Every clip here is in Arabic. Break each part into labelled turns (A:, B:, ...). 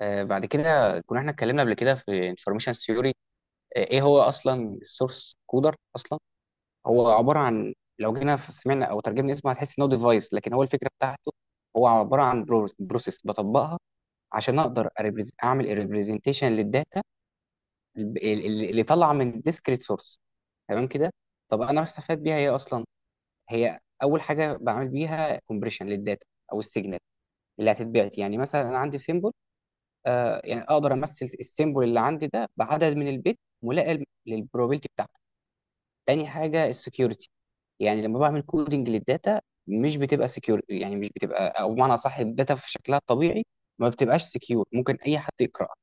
A: آه، بعد كده كنا احنا اتكلمنا قبل كده في انفورميشن ثيوري. ايه هو اصلا السورس كودر اصلا؟ هو عباره عن، لو جينا سمعنا او ترجمنا اسمه هتحس ان هو ديفايس، لكن هو الفكره بتاعته هو عباره عن بروسيس بطبقها عشان اقدر اعمل ريبريزنتيشن للداتا اللي طالعه من ديسكريت سورس. تمام كده؟ طب انا بستفاد بيها ايه اصلا؟ هي اول حاجه بعمل بيها كومبريشن للداتا او السيجنال اللي هتتبعت. يعني مثلا انا عندي سيمبل، آه يعني اقدر امثل السيمبل اللي عندي ده بعدد من البيت ملائم للبروبابيلتي بتاعته. تاني حاجه السكيورتي، يعني لما بعمل كودنج للداتا مش بتبقى سكيور، يعني مش بتبقى او بمعنى صح الداتا في شكلها الطبيعي ما بتبقاش سكيور، ممكن اي حد يقراها.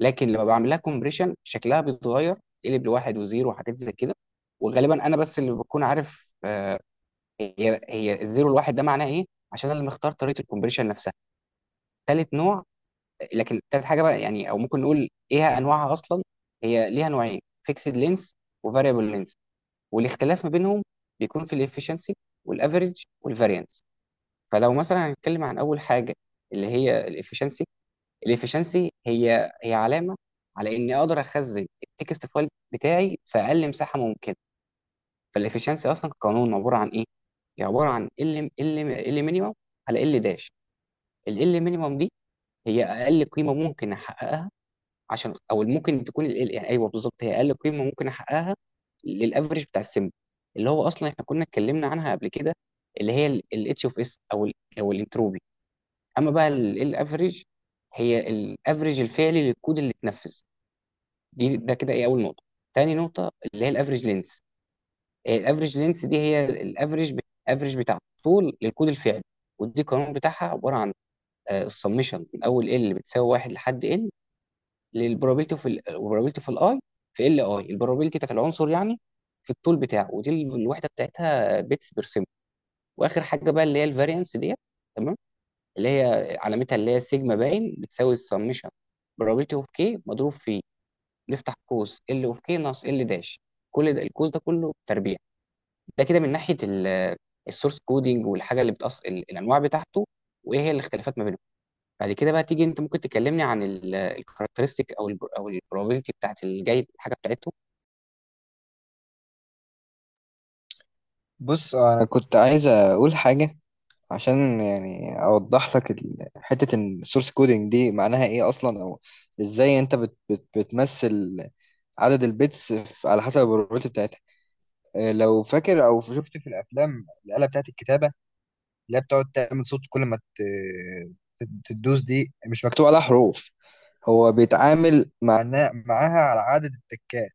A: لكن لما بعمل لها كومبريشن شكلها بيتغير، يقلب لواحد وزيرو وحاجات زي كده. وغالبا انا بس اللي بكون عارف آه هي هي الزيرو الواحد ده معناه ايه، عشان انا اللي مختار طريقه الكومبريشن نفسها. تالت نوع، لكن تالت حاجه بقى يعني او ممكن نقول ايه انواعها اصلا؟ هي ليها نوعين، فيكسد لينس وفاريبل لينس. والاختلاف ما بينهم بيكون في الافشنسي والافريج والفاريانس. فلو مثلا هنتكلم عن اول حاجه اللي هي الافشنسي، الافشنسي هي هي علامه على اني اقدر اخزن التكست فايل بتاعي في اقل مساحه ممكنه. فالافشنسي اصلا قانون عباره عن ايه؟ هي عباره عن ال ال مينيمم على ال داش. ال مينيمم دي هي اقل قيمه ممكن احققها، عشان او ممكن تكون يعني ايوه بالظبط هي اقل قيمه ممكن احققها للافرج بتاع السن اللي هو اصلا احنا كنا اتكلمنا عنها قبل كده، اللي هي الاتش اوف اس او ال، او الانتروبي. اما بقى الافرج هي الافرج الفعلي للكود اللي اتنفذ. دي ده كده ايه اول نقطه. تاني نقطه اللي هي الافرج لينس. الافرج لينس دي هي الافرج، الافرج بتاع طول للكود الفعلي. ودي القانون بتاعها عباره عن السمشن من اول ال بتساوي واحد لحد n للبروبابيلتي في البروبابيلتي في الاي، في ال اي البروبابيلتي بتاعت العنصر يعني في الطول بتاعه. ودي الوحده بتاعتها بيتس بير سيمبل. واخر حاجه بقى اللي هي الفاريانس ديت. تمام. اللي هي علامتها اللي هي سيجما باين بتساوي السمشن بروبابيلتي اوف كي مضروب في، نفتح قوس ال اوف كي ناقص ال داش، كل ده القوس ده كله تربيع. ده كده من ناحيه السورس كودينج والحاجه اللي بتأص الانواع بتاعته وايه هي الاختلافات ما بينهم. بعد كده بقى تيجي انت ممكن تكلمني عن الكاركترستيك او ال او البروبابيلتي بتاعت الجاي الحاجه بتاعته.
B: بص انا كنت عايز اقول حاجه عشان يعني اوضح لك حته السورس كودينج دي معناها ايه اصلا او ازاي انت بت بت بتمثل عدد البيتس على حسب البروبابيلتي بتاعتها. لو فاكر او شفت في الافلام الاله بتاعت الكتابه اللي هي بتقعد تعمل صوت كل ما تدوس. دي مش مكتوب عليها حروف، هو بيتعامل معناه معاها على عدد التكات.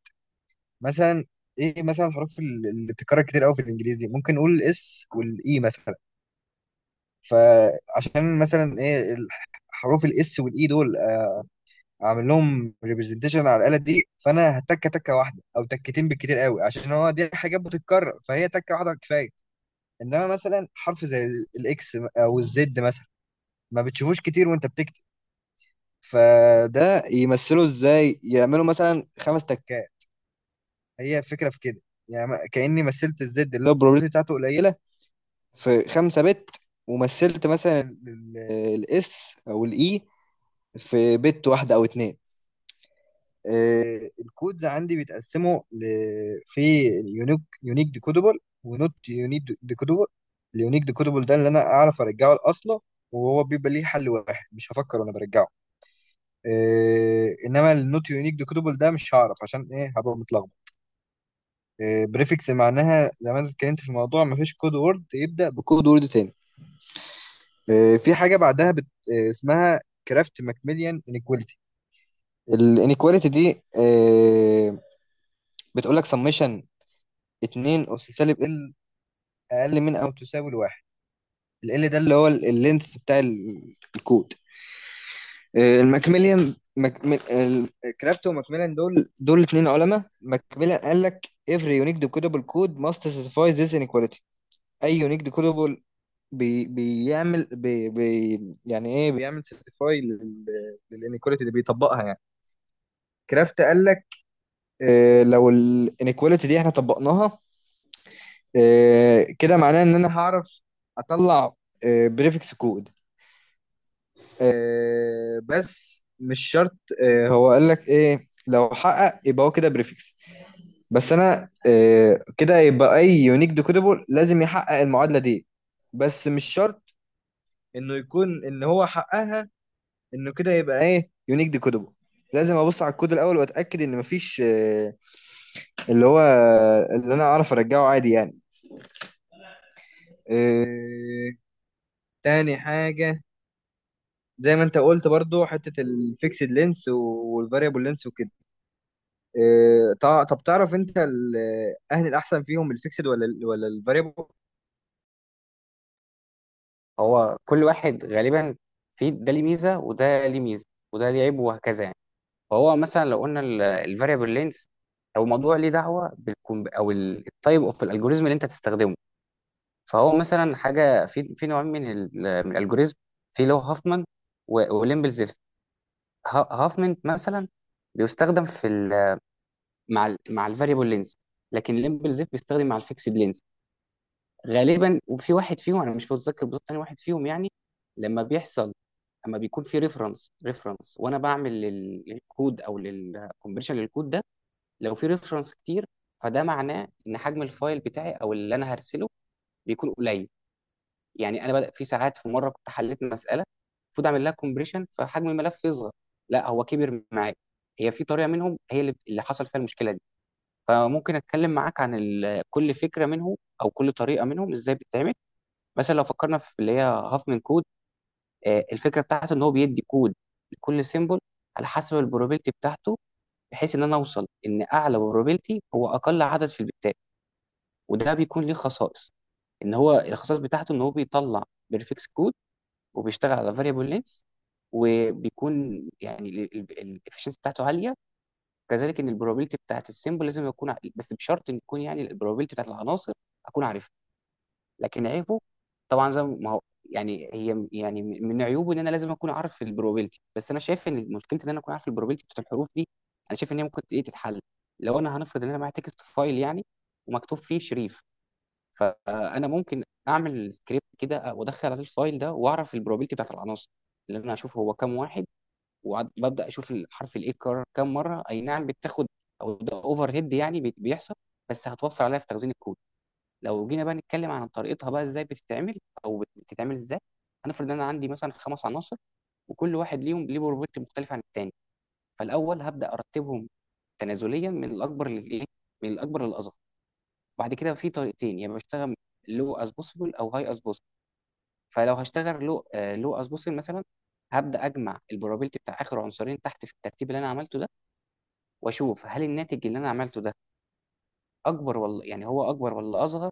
B: مثلا ايه مثلا الحروف اللي بتتكرر كتير قوي في الانجليزي؟ ممكن نقول الاس والاي مثلا. فعشان مثلا ايه حروف الاس والاي دول اعمل لهم ريبرزنتيشن على الاله دي، فانا هتكه تكه واحده او تكتين بالكتير قوي، عشان هو دي حاجات بتتكرر فهي تكه واحده كفايه. انما مثلا حرف زي الاكس او الزد مثلا ما بتشوفوش كتير وانت بتكتب، فده يمثله ازاي؟ يعملوا مثلا خمس تكات. هي الفكره في كده. يعني كاني مثلت الزد اللي هو البروبابيلتي بتاعته قليله في خمسة بت، ومثلت مثلا الاس او الاي في بت واحدة او اتنين. الكودز عندي بيتقسموا ل... في يونيك ديكودبل ونوت يونيك ديكودبل. اليونيك ديكودبل ده اللي انا اعرف ارجعه لاصله، وهو بيبقى ليه حل واحد مش هفكر وانا برجعه. إيه انما النوت يونيك ديكودبل ده مش هعرف عشان ايه، هبقى متلخبط. إيه بريفكس معناها زي ما أنا اتكلمت في الموضوع، مفيش كود وورد يبدا بكود وورد تاني. في حاجه بعدها بت... اسمها كرافت ماكميليان انيكواليتي. الانيكواليتي دي بتقول لك سميشن 2 اس سالب ال، اقل من او تساوي الواحد. ال ال ده اللي هو اللينث بتاع الكود. الماكميليان كرافت وماكميليان دول اتنين علماء. ماكميليان قال لك every unique decodable code must satisfy this inequality. اي يونيك ديكودبل بي يعني ايه بيعمل؟ سيرتيفاي للانيكواليتي اللي بيطبقها يعني. كرافت قال لك آه لو الانيكواليتي دي احنا طبقناها، آه كده معناه ان انا هعرف اطلع آه بريفكس كود، آه بس مش شرط. آه هو قال لك ايه، لو حقق يبقى هو كده بريفكس، بس انا آه كده يبقى اي يونيك ديكودبل لازم يحقق المعادله دي، بس مش شرط انه يكون ان هو حققها انه كده يبقى ايه يونيك ديكودبل. لازم ابص على الكود الاول واتاكد ان مفيش اللي هو اللي انا اعرف ارجعه عادي يعني. آه، تاني حاجه زي ما انت قلت برضو حته الفيكسد لينس والفاريبل لينس وكده. طب تعرف انت اهل الاحسن فيهم الفيكسد ولا الفاريبل؟
A: هو كل واحد غالبا في ده ليه ميزه وده ليه ميزه وده ليه عيب وهكذا يعني. فهو مثلا لو قلنا الفاريبل لينس، او موضوع ليه دعوه بالكم او التايب اوف الالجوريزم اللي انت تستخدمه. فهو مثلا حاجه في نوعين من من الالجوريزم. في اللي هو هافمان وليمبل زيف. هافمان مثلا بيستخدم في مع الفاريبل لينس، لكن ليمبل زيف بيستخدم مع الفيكسد لينس غالبا. وفي واحد فيهم انا مش متذكر بالظبط تاني واحد فيهم يعني لما بيحصل، لما بيكون في ريفرنس. وانا بعمل للكود او للكونفرشن للكود ده. لو في ريفرنس كتير فده معناه ان حجم الفايل بتاعي او اللي انا هرسله بيكون قليل. يعني انا بدأ في ساعات، في مره كنت حليت مساله المفروض اعمل لها كومبريشن فحجم الملف يصغر، لا هو كبر معايا. هي في طريقه منهم هي اللي حصل فيها المشكله دي. فممكن اتكلم معاك عن كل فكره منهم او كل طريقه منهم ازاي بتتعمل. مثلا لو فكرنا في اللي هي هافمان كود، آه، الفكره بتاعته ان هو بيدي كود لكل سيمبل على حسب البروبابيلتي بتاعته، بحيث ان انا اوصل ان اعلى بروبابيلتي هو اقل عدد في البتات. وده بيكون ليه خصائص، ان هو الخصائص بتاعته ان هو بيطلع بيرفكس كود، وبيشتغل على فاريبل لينس، وبيكون يعني الافشنسي بتاعته عاليه. كذلك ان البروبابيلتي بتاعت السيمبل لازم اكون بس بشرط ان يكون يعني البروبابيلتي بتاعت العناصر اكون عارفها. لكن عيبه، طبعا زي ما هو يعني هي من عيوبه ان انا لازم اكون عارف البروبابيلتي. بس انا شايف ان مشكلتي ان انا اكون عارف البروبابيلتي بتاعت الحروف دي، انا شايف ان هي ممكن ايه تتحل. لو انا هنفرض ان انا معايا تكست فايل يعني ومكتوب فيه شريف، فانا ممكن اعمل سكريبت كده وادخل عليه الفايل ده واعرف البروبابيلتي بتاعت العناصر، اللي انا اشوف هو كام واحد، وببدا اشوف الحرف الايه اتكرر كام مره. اي نعم، بتاخد او ده اوفر هيد يعني بيحصل، بس هتوفر عليا في تخزين الكود. لو جينا بقى نتكلم عن طريقتها بقى ازاي بتتعمل او بتتعمل ازاي. هنفرض ان انا عندي مثلا خمس عناصر وكل واحد ليهم ليه بروبرتي مختلفه عن التاني. فالاول هبدا ارتبهم تنازليا من الاكبر للايه، من الاكبر للاصغر. بعد كده في طريقتين، يعني بشتغل لو از بوسيبل او هاي از بوسيبل. فلو هشتغل لو از بوسيبل مثلا، هبدا اجمع البروبابيلتي بتاع اخر عنصرين تحت في الترتيب اللي انا عملته ده، واشوف هل الناتج اللي انا عملته ده اكبر، ولا يعني هو اكبر ولا اصغر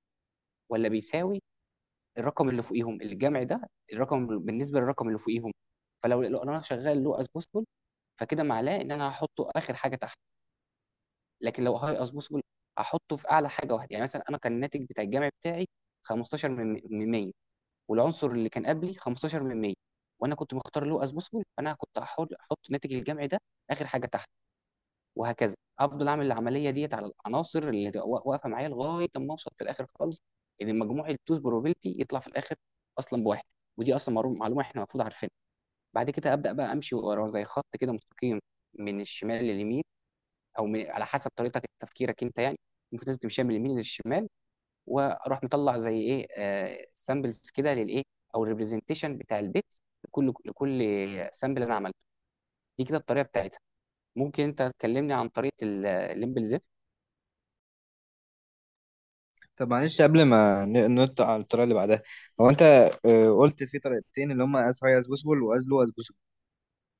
A: ولا بيساوي الرقم اللي فوقيهم، الجمع ده الرقم بالنسبه للرقم اللي فوقيهم. فلو انا شغال لو اسبوسفول، فكده معناه ان انا هحطه اخر حاجه تحت. لكن لو هاي اسبوسفول هحطه في اعلى حاجه واحده. يعني مثلا انا كان الناتج بتاع الجمع بتاعي 15 من 100، والعنصر اللي كان قبلي 15 من 100، وانا كنت مختار لو اسبوسفول، فانا كنت احط ناتج الجمع ده اخر حاجه تحت. وهكذا افضل اعمل العمليه ديت على العناصر اللي تبقى واقفه معايا لغايه ما اوصل في الاخر خالص ان مجموع التوز بروبابيلتي يطلع في الاخر اصلا بواحد. ودي اصلا معلومة احنا المفروض عارفينها. بعد كده ابدا بقى امشي ورا زي خط كده مستقيم، من الشمال لليمين، او من على حسب طريقتك تفكيرك انت، يعني المفروض لازم تمشي من اليمين للشمال. واروح مطلع زي ايه، سامبلز كده للايه، او الريبريزنتيشن بتاع البيت، لكل سامبل انا عملته. دي كده الطريقه بتاعتها. ممكن انت تكلمني عن طريقه الليمبل؟
B: طب معلش قبل ما ننط على الطريقه اللي بعدها، هو انت قلت في طريقتين اللي هم از هاي از بوسبل واز لو از.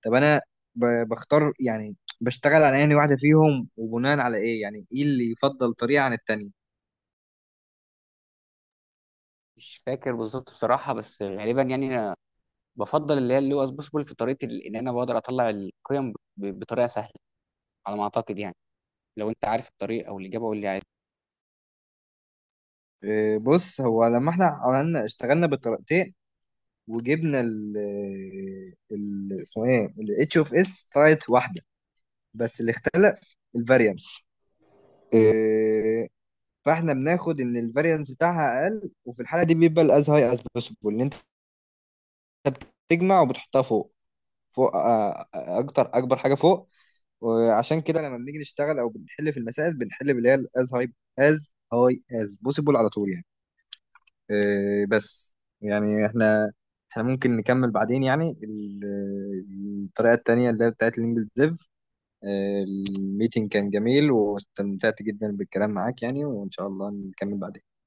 B: طب انا بختار يعني بشتغل على انهي واحده فيهم، وبناء على ايه يعني ايه اللي يفضل طريقه عن التانية؟
A: مش فاكر بالظبط بصراحه، بس غالبا يعني انا بفضل اللي هو اسبوسيبل في طريقه ان انا بقدر اطلع القيم بطريقه سهله على ما اعتقد يعني. لو انت عارف الطريق او الاجابه قول لي.
B: إيه، بص هو لما احنا عملنا اشتغلنا بالطريقتين وجبنا ال ال اسمه ايه ال اتش اوف اس، طلعت واحده بس اللي اختلف الفاريانس. فاحنا بناخد ان الفاريانس بتاعها اقل، وفي الحاله دي بيبقى الاز هاي از بوسيبل اللي انت بتجمع وبتحطها فوق، اكتر اكبر حاجه فوق. وعشان كده لما بنيجي نشتغل او بنحل في المسائل بنحل باللي هي از هاي از بوسيبل على طول يعني. بس يعني احنا ممكن نكمل بعدين يعني الطريقة التانية اللي هي بتاعت الانجليز ديف. آه، الميتنج كان جميل واستمتعت جدا بالكلام معاك يعني، وان شاء الله نكمل بعدين.